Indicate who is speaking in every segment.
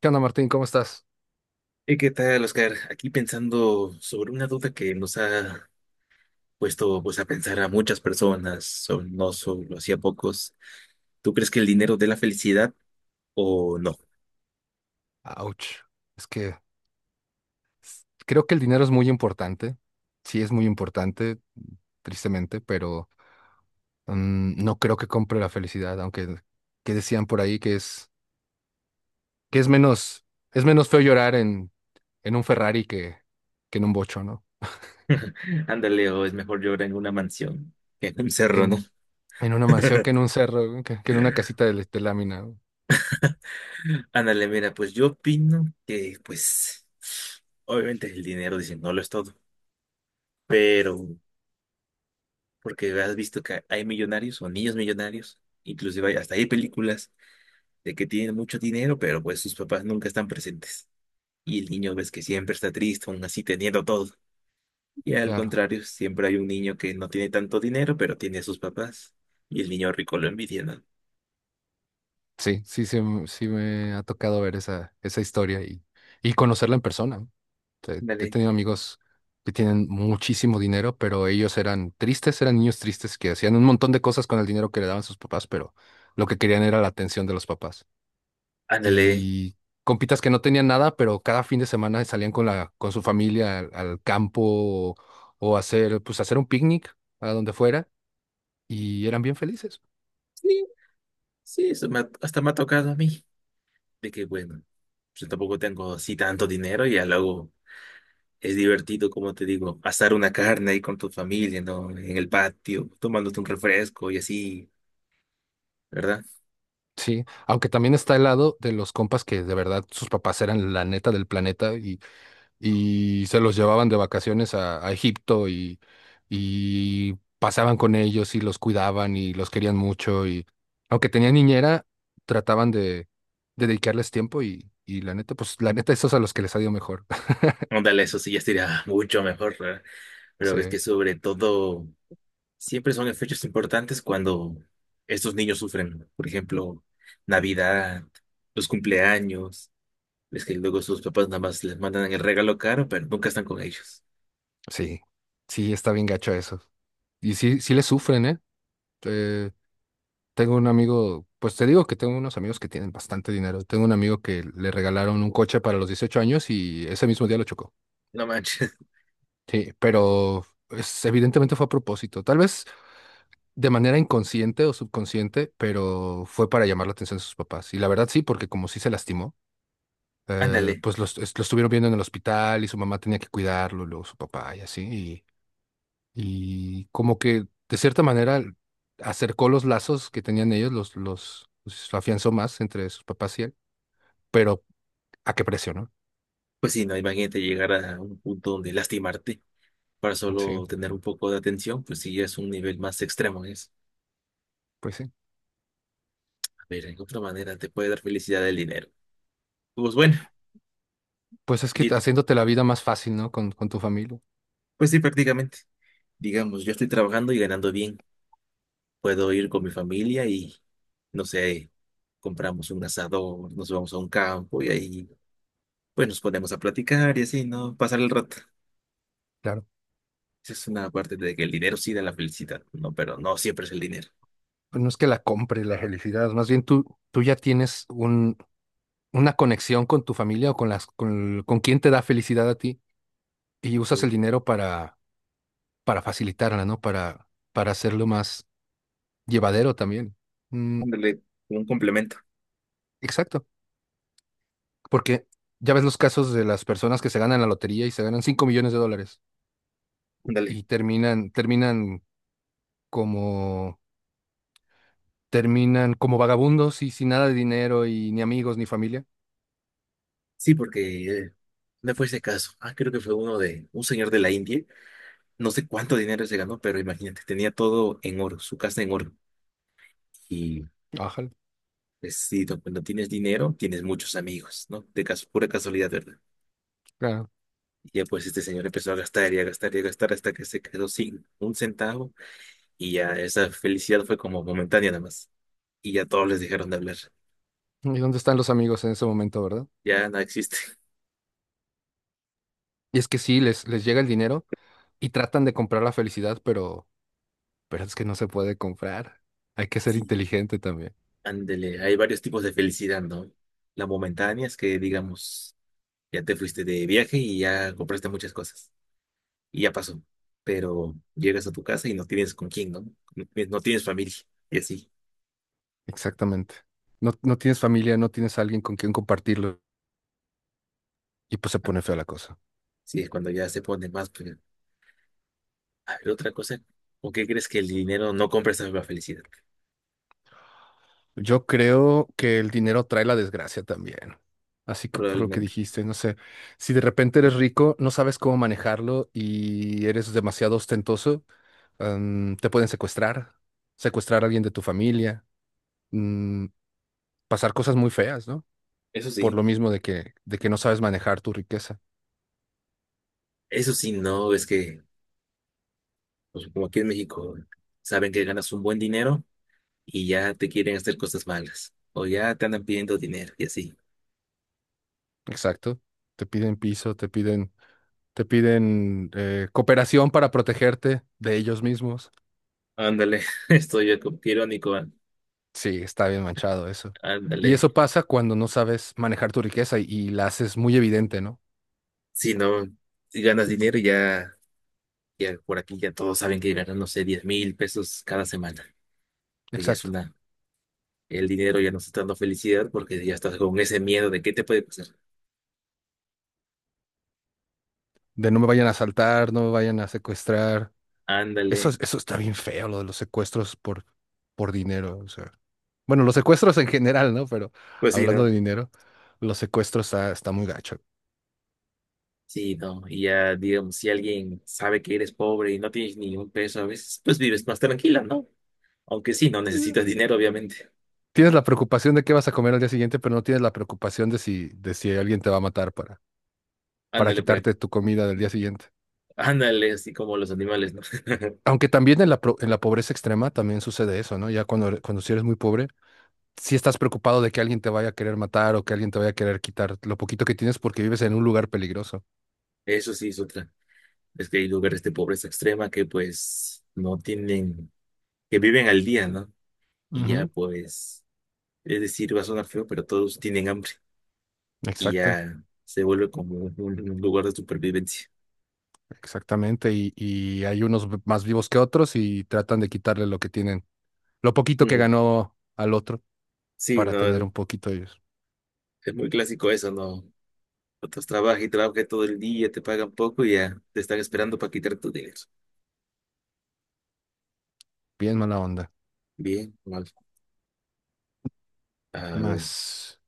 Speaker 1: ¿Qué onda, Martín? ¿Cómo estás?
Speaker 2: ¿Y qué tal, Oscar? Aquí pensando sobre una duda que nos ha puesto pues, a pensar a muchas personas, no solo así a pocos. ¿Tú crees que el dinero dé la felicidad o no?
Speaker 1: Ouch. Es que creo que el dinero es muy importante. Sí, es muy importante, tristemente, pero no creo que compre la felicidad, aunque que decían por ahí que que es menos es menos feo llorar en un Ferrari que en un bocho, ¿no?
Speaker 2: Ándale, o es mejor llorar en una mansión que en un cerro, ¿no?
Speaker 1: En, en una mansión que en un cerro, que en una casita de lámina, ¿no?
Speaker 2: Ándale, mira, pues yo opino que, pues, obviamente el dinero, dicen, no lo es todo, pero porque has visto que hay millonarios o niños millonarios, inclusive hasta hay películas de que tienen mucho dinero, pero pues sus papás nunca están presentes. Y el niño ves que siempre está triste, aún así teniendo todo. Y al
Speaker 1: Claro.
Speaker 2: contrario, siempre hay un niño que no tiene tanto dinero, pero tiene a sus papás. Y el niño rico lo envidia, ¿no?
Speaker 1: Sí me ha tocado ver esa historia y conocerla en persona, ¿no? He
Speaker 2: Ándale,
Speaker 1: tenido amigos que tienen muchísimo dinero, pero ellos eran tristes, eran niños tristes que hacían un montón de cosas con el dinero que le daban sus papás, pero lo que querían era la atención de los papás.
Speaker 2: ándale.
Speaker 1: Y compitas que no tenían nada, pero cada fin de semana salían con con su familia al campo pues hacer un picnic a donde fuera y eran bien felices.
Speaker 2: Sí, sí, eso hasta me ha tocado a mí. De que, bueno, yo tampoco tengo así tanto dinero y ya luego es divertido, como te digo, asar una carne ahí con tu familia, ¿no? En el patio, tomándote un refresco y así, ¿verdad?
Speaker 1: Sí, aunque también está el lado de los compas que de verdad sus papás eran la neta del planeta y se los llevaban de vacaciones a Egipto y pasaban con ellos y los cuidaban y los querían mucho y aunque tenían niñera, trataban de dedicarles tiempo y la neta, pues la neta esos a los que les ha ido mejor.
Speaker 2: Ándale, eso sí ya sería mucho mejor, ¿verdad? Pero
Speaker 1: Sí,
Speaker 2: ves que sobre todo... siempre son en fechas importantes cuando estos niños sufren. Por ejemplo, Navidad, los cumpleaños. Es que luego sus papás nada más les mandan el regalo caro, pero nunca están con ellos.
Speaker 1: sí, sí, está bien gacho eso. Y sí, sí les sufren, ¿eh? Eh, Tengo un amigo, pues te digo que tengo unos amigos que tienen bastante dinero. Tengo un amigo que le regalaron un coche para los 18 años y ese mismo día lo chocó.
Speaker 2: No manches.
Speaker 1: Sí, pero evidentemente fue a propósito. Tal vez de manera inconsciente o subconsciente, pero fue para llamar la atención de sus papás. Y la verdad sí, porque como sí se lastimó,
Speaker 2: Ándale.
Speaker 1: lo estuvieron viendo en el hospital y su mamá tenía que cuidarlo, luego su papá y así. Y como que de cierta manera acercó los lazos que tenían ellos, los afianzó más entre sus papás y él. Pero ¿a qué precio, no?
Speaker 2: Pues sí, no, imagínate llegar a un punto donde lastimarte para
Speaker 1: Sí,
Speaker 2: solo tener un poco de atención, pues sí, ya es un nivel más extremo eso.
Speaker 1: sí.
Speaker 2: A ver, en otra manera te puede dar felicidad el dinero. Pues bueno,
Speaker 1: Pues es que
Speaker 2: y-
Speaker 1: haciéndote la vida más fácil, ¿no? Con tu familia.
Speaker 2: pues sí, prácticamente. Digamos, yo estoy trabajando y ganando bien. Puedo ir con mi familia y no sé, compramos un asador, nos vamos a un campo y ahí pues nos ponemos a platicar y así, ¿no? Pasar el rato.
Speaker 1: Claro.
Speaker 2: Esa es una parte de que el dinero sí da la felicidad, ¿no? Pero no siempre es el dinero.
Speaker 1: Pues no es que la compre la felicidad, más bien tú ya tienes una conexión con tu familia o con con quien te da felicidad a ti y usas el
Speaker 2: Sí.
Speaker 1: dinero para facilitarla, ¿no? Para hacerlo más llevadero también. Mm,
Speaker 2: Ándale, como un complemento,
Speaker 1: exacto, porque ya ves los casos de las personas que se ganan la lotería y se ganan 5 millones de dólares
Speaker 2: ándale.
Speaker 1: y como, terminan como vagabundos y sin nada de dinero y ni amigos ni familia.
Speaker 2: Sí, porque me fue ese caso. Ah, creo que fue uno de un señor de la India. No sé cuánto dinero se ganó, pero imagínate, tenía todo en oro, su casa en oro. Y
Speaker 1: Ajá,
Speaker 2: pues sí, cuando tienes dinero, tienes muchos amigos, ¿no? De caso, pura casualidad, ¿verdad?
Speaker 1: claro.
Speaker 2: Y ya pues este señor empezó a gastar y a gastar y a gastar hasta que se quedó sin un centavo y ya esa felicidad fue como momentánea nada más. Y ya todos les dejaron de hablar.
Speaker 1: ¿Y dónde están los amigos en ese momento, verdad?
Speaker 2: Ya no existe.
Speaker 1: Y es que sí, les llega el dinero y tratan de comprar la felicidad, pero es que no se puede comprar. Hay que ser
Speaker 2: Sí,
Speaker 1: inteligente también.
Speaker 2: ándele, hay varios tipos de felicidad, ¿no? La momentánea es que, digamos, ya te fuiste de viaje y ya compraste muchas cosas y ya pasó. Pero llegas a tu casa y no tienes con quién, ¿no? No tienes familia y así.
Speaker 1: Exactamente. No, no tienes familia, no tienes alguien con quien compartirlo y pues se pone fea la cosa.
Speaker 2: Sí, es cuando ya se pone más. Pero, a ver, otra cosa, ¿o qué crees que el dinero no compra esa misma felicidad?
Speaker 1: Yo creo que el dinero trae la desgracia también. Así que por lo que
Speaker 2: Probablemente.
Speaker 1: dijiste, no sé, si de repente eres rico, no sabes cómo manejarlo y eres demasiado ostentoso, te pueden secuestrar, secuestrar a alguien de tu familia, mm, pasar cosas muy feas, ¿no?
Speaker 2: Eso
Speaker 1: Por lo
Speaker 2: sí,
Speaker 1: mismo de de que no sabes manejar tu riqueza.
Speaker 2: eso sí, no, es que, pues, como aquí en México, saben que ganas un buen dinero y ya te quieren hacer cosas malas, o ya te andan pidiendo dinero y así.
Speaker 1: Exacto. Te piden piso, te piden cooperación para protegerte de ellos mismos.
Speaker 2: Ándale, estoy yo como que irónico,
Speaker 1: Sí, está bien manchado eso. Y
Speaker 2: ándale.
Speaker 1: eso pasa cuando no sabes manejar tu riqueza y la haces muy evidente, ¿no?
Speaker 2: Si no, si ganas dinero ya, ya por aquí ya todos saben que ganan, no sé, 10,000 pesos cada semana. Pues ya es
Speaker 1: Exacto.
Speaker 2: una, el dinero ya no está dando felicidad porque ya estás con ese miedo de qué te puede pasar.
Speaker 1: De no me vayan a asaltar, no me vayan a secuestrar. Eso,
Speaker 2: Ándale,
Speaker 1: eso está bien feo, lo de los secuestros por dinero. O sea, bueno, los secuestros en general, ¿no? Pero
Speaker 2: pues sí,
Speaker 1: hablando
Speaker 2: ¿no?
Speaker 1: de dinero, los secuestros está muy gacho.
Speaker 2: Sí, no, y ya digamos, si alguien sabe que eres pobre y no tienes ni un peso a veces, pues vives más tranquila, ¿no? Aunque sí, no necesitas dinero, obviamente.
Speaker 1: Tienes la preocupación de qué vas a comer al día siguiente, pero no tienes la preocupación de de si alguien te va a matar para
Speaker 2: Ándale para
Speaker 1: quitarte
Speaker 2: acá.
Speaker 1: tu comida del día siguiente.
Speaker 2: Ándale, así como los animales, ¿no?
Speaker 1: Aunque también en en la pobreza extrema también sucede eso, ¿no? Ya cuando si eres muy pobre, sí estás preocupado de que alguien te vaya a querer matar o que alguien te vaya a querer quitar lo poquito que tienes porque vives en un lugar peligroso.
Speaker 2: Eso sí es otra. Es que hay lugares de pobreza extrema que pues no tienen, que viven al día, ¿no? Y ya
Speaker 1: Ujú.
Speaker 2: pues, es decir, va a sonar feo, pero todos tienen hambre y
Speaker 1: Exacto,
Speaker 2: ya se vuelve como un lugar de supervivencia.
Speaker 1: Exactamente. Y hay unos más vivos que otros y tratan de quitarle lo que tienen, lo poquito que
Speaker 2: Mm,
Speaker 1: ganó al otro
Speaker 2: sí,
Speaker 1: para
Speaker 2: no,
Speaker 1: tener un poquito ellos.
Speaker 2: es muy clásico eso, ¿no? Otros trabajan y trabajan todo el día, te pagan poco y ya te están esperando para quitar tu dinero.
Speaker 1: Bien mala onda.
Speaker 2: Bien, mal. A ver,
Speaker 1: Más.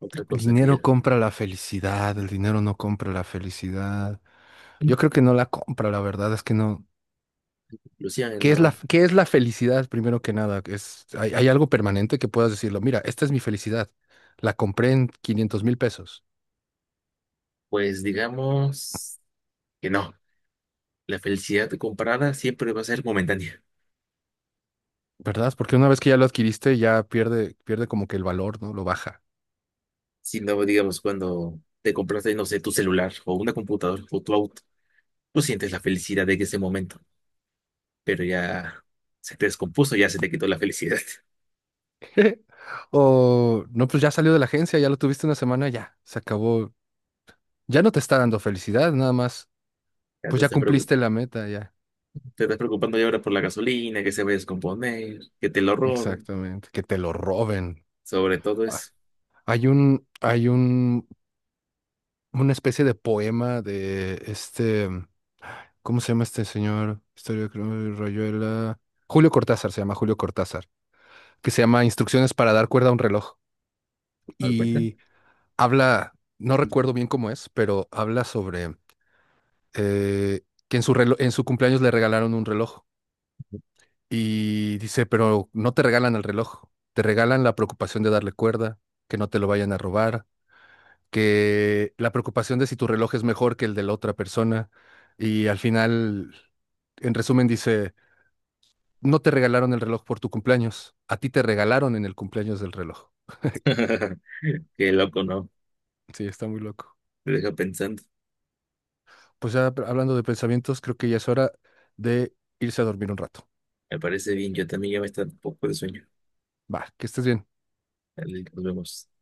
Speaker 2: otra
Speaker 1: El
Speaker 2: cosa
Speaker 1: dinero
Speaker 2: que
Speaker 1: compra la felicidad, el dinero no compra la felicidad. Yo creo que no la compra, la verdad es que no.
Speaker 2: Luciana,
Speaker 1: ¿Qué es
Speaker 2: no.
Speaker 1: qué es la felicidad primero que nada? Hay algo permanente que puedas decirlo, mira, esta es mi felicidad. La compré en 500 mil pesos,
Speaker 2: Pues digamos que no. La felicidad comprada siempre va a ser momentánea.
Speaker 1: ¿verdad? Porque una vez que ya lo adquiriste, ya pierde como que el valor, ¿no? Lo baja.
Speaker 2: Si no, digamos, cuando te compraste, no sé, tu celular o una computadora o tu auto, tú sientes la felicidad de ese momento, pero ya se te descompuso, ya se te quitó la felicidad.
Speaker 1: O no, pues ya salió de la agencia, ya lo tuviste una semana, ya, se acabó. Ya no te está dando felicidad, nada más.
Speaker 2: Ya
Speaker 1: Pues
Speaker 2: te
Speaker 1: ya
Speaker 2: estás preocup-
Speaker 1: cumpliste la meta, ya.
Speaker 2: Te estás preocupando ya ahora por la gasolina, que se va a descomponer, que te lo roben.
Speaker 1: Exactamente, que te lo roben.
Speaker 2: Sobre todo
Speaker 1: Ah,
Speaker 2: eso.
Speaker 1: hay hay un, una especie de poema de este, ¿cómo se llama este señor? Historia de Rayuela. Julio Cortázar, se llama Julio Cortázar, que se llama Instrucciones para dar cuerda a un reloj.
Speaker 2: ¿Dar cuenta?
Speaker 1: Y habla, no recuerdo bien cómo es, pero habla sobre eh, que en su en su cumpleaños le regalaron un reloj. Y dice, pero no te regalan el reloj, te regalan la preocupación de darle cuerda, que no te lo vayan a robar, que la preocupación de si tu reloj es mejor que el de la otra persona y al final, en resumen, dice, no te regalaron el reloj por tu cumpleaños, a ti te regalaron en el cumpleaños del reloj.
Speaker 2: Qué loco, ¿no?
Speaker 1: Sí, está muy loco.
Speaker 2: Te deja pensando.
Speaker 1: Pues ya hablando de pensamientos, creo que ya es hora de irse a dormir un rato.
Speaker 2: Me parece bien. Yo también ya me está un poco de sueño.
Speaker 1: Va, que estés bien.
Speaker 2: Dale, nos vemos.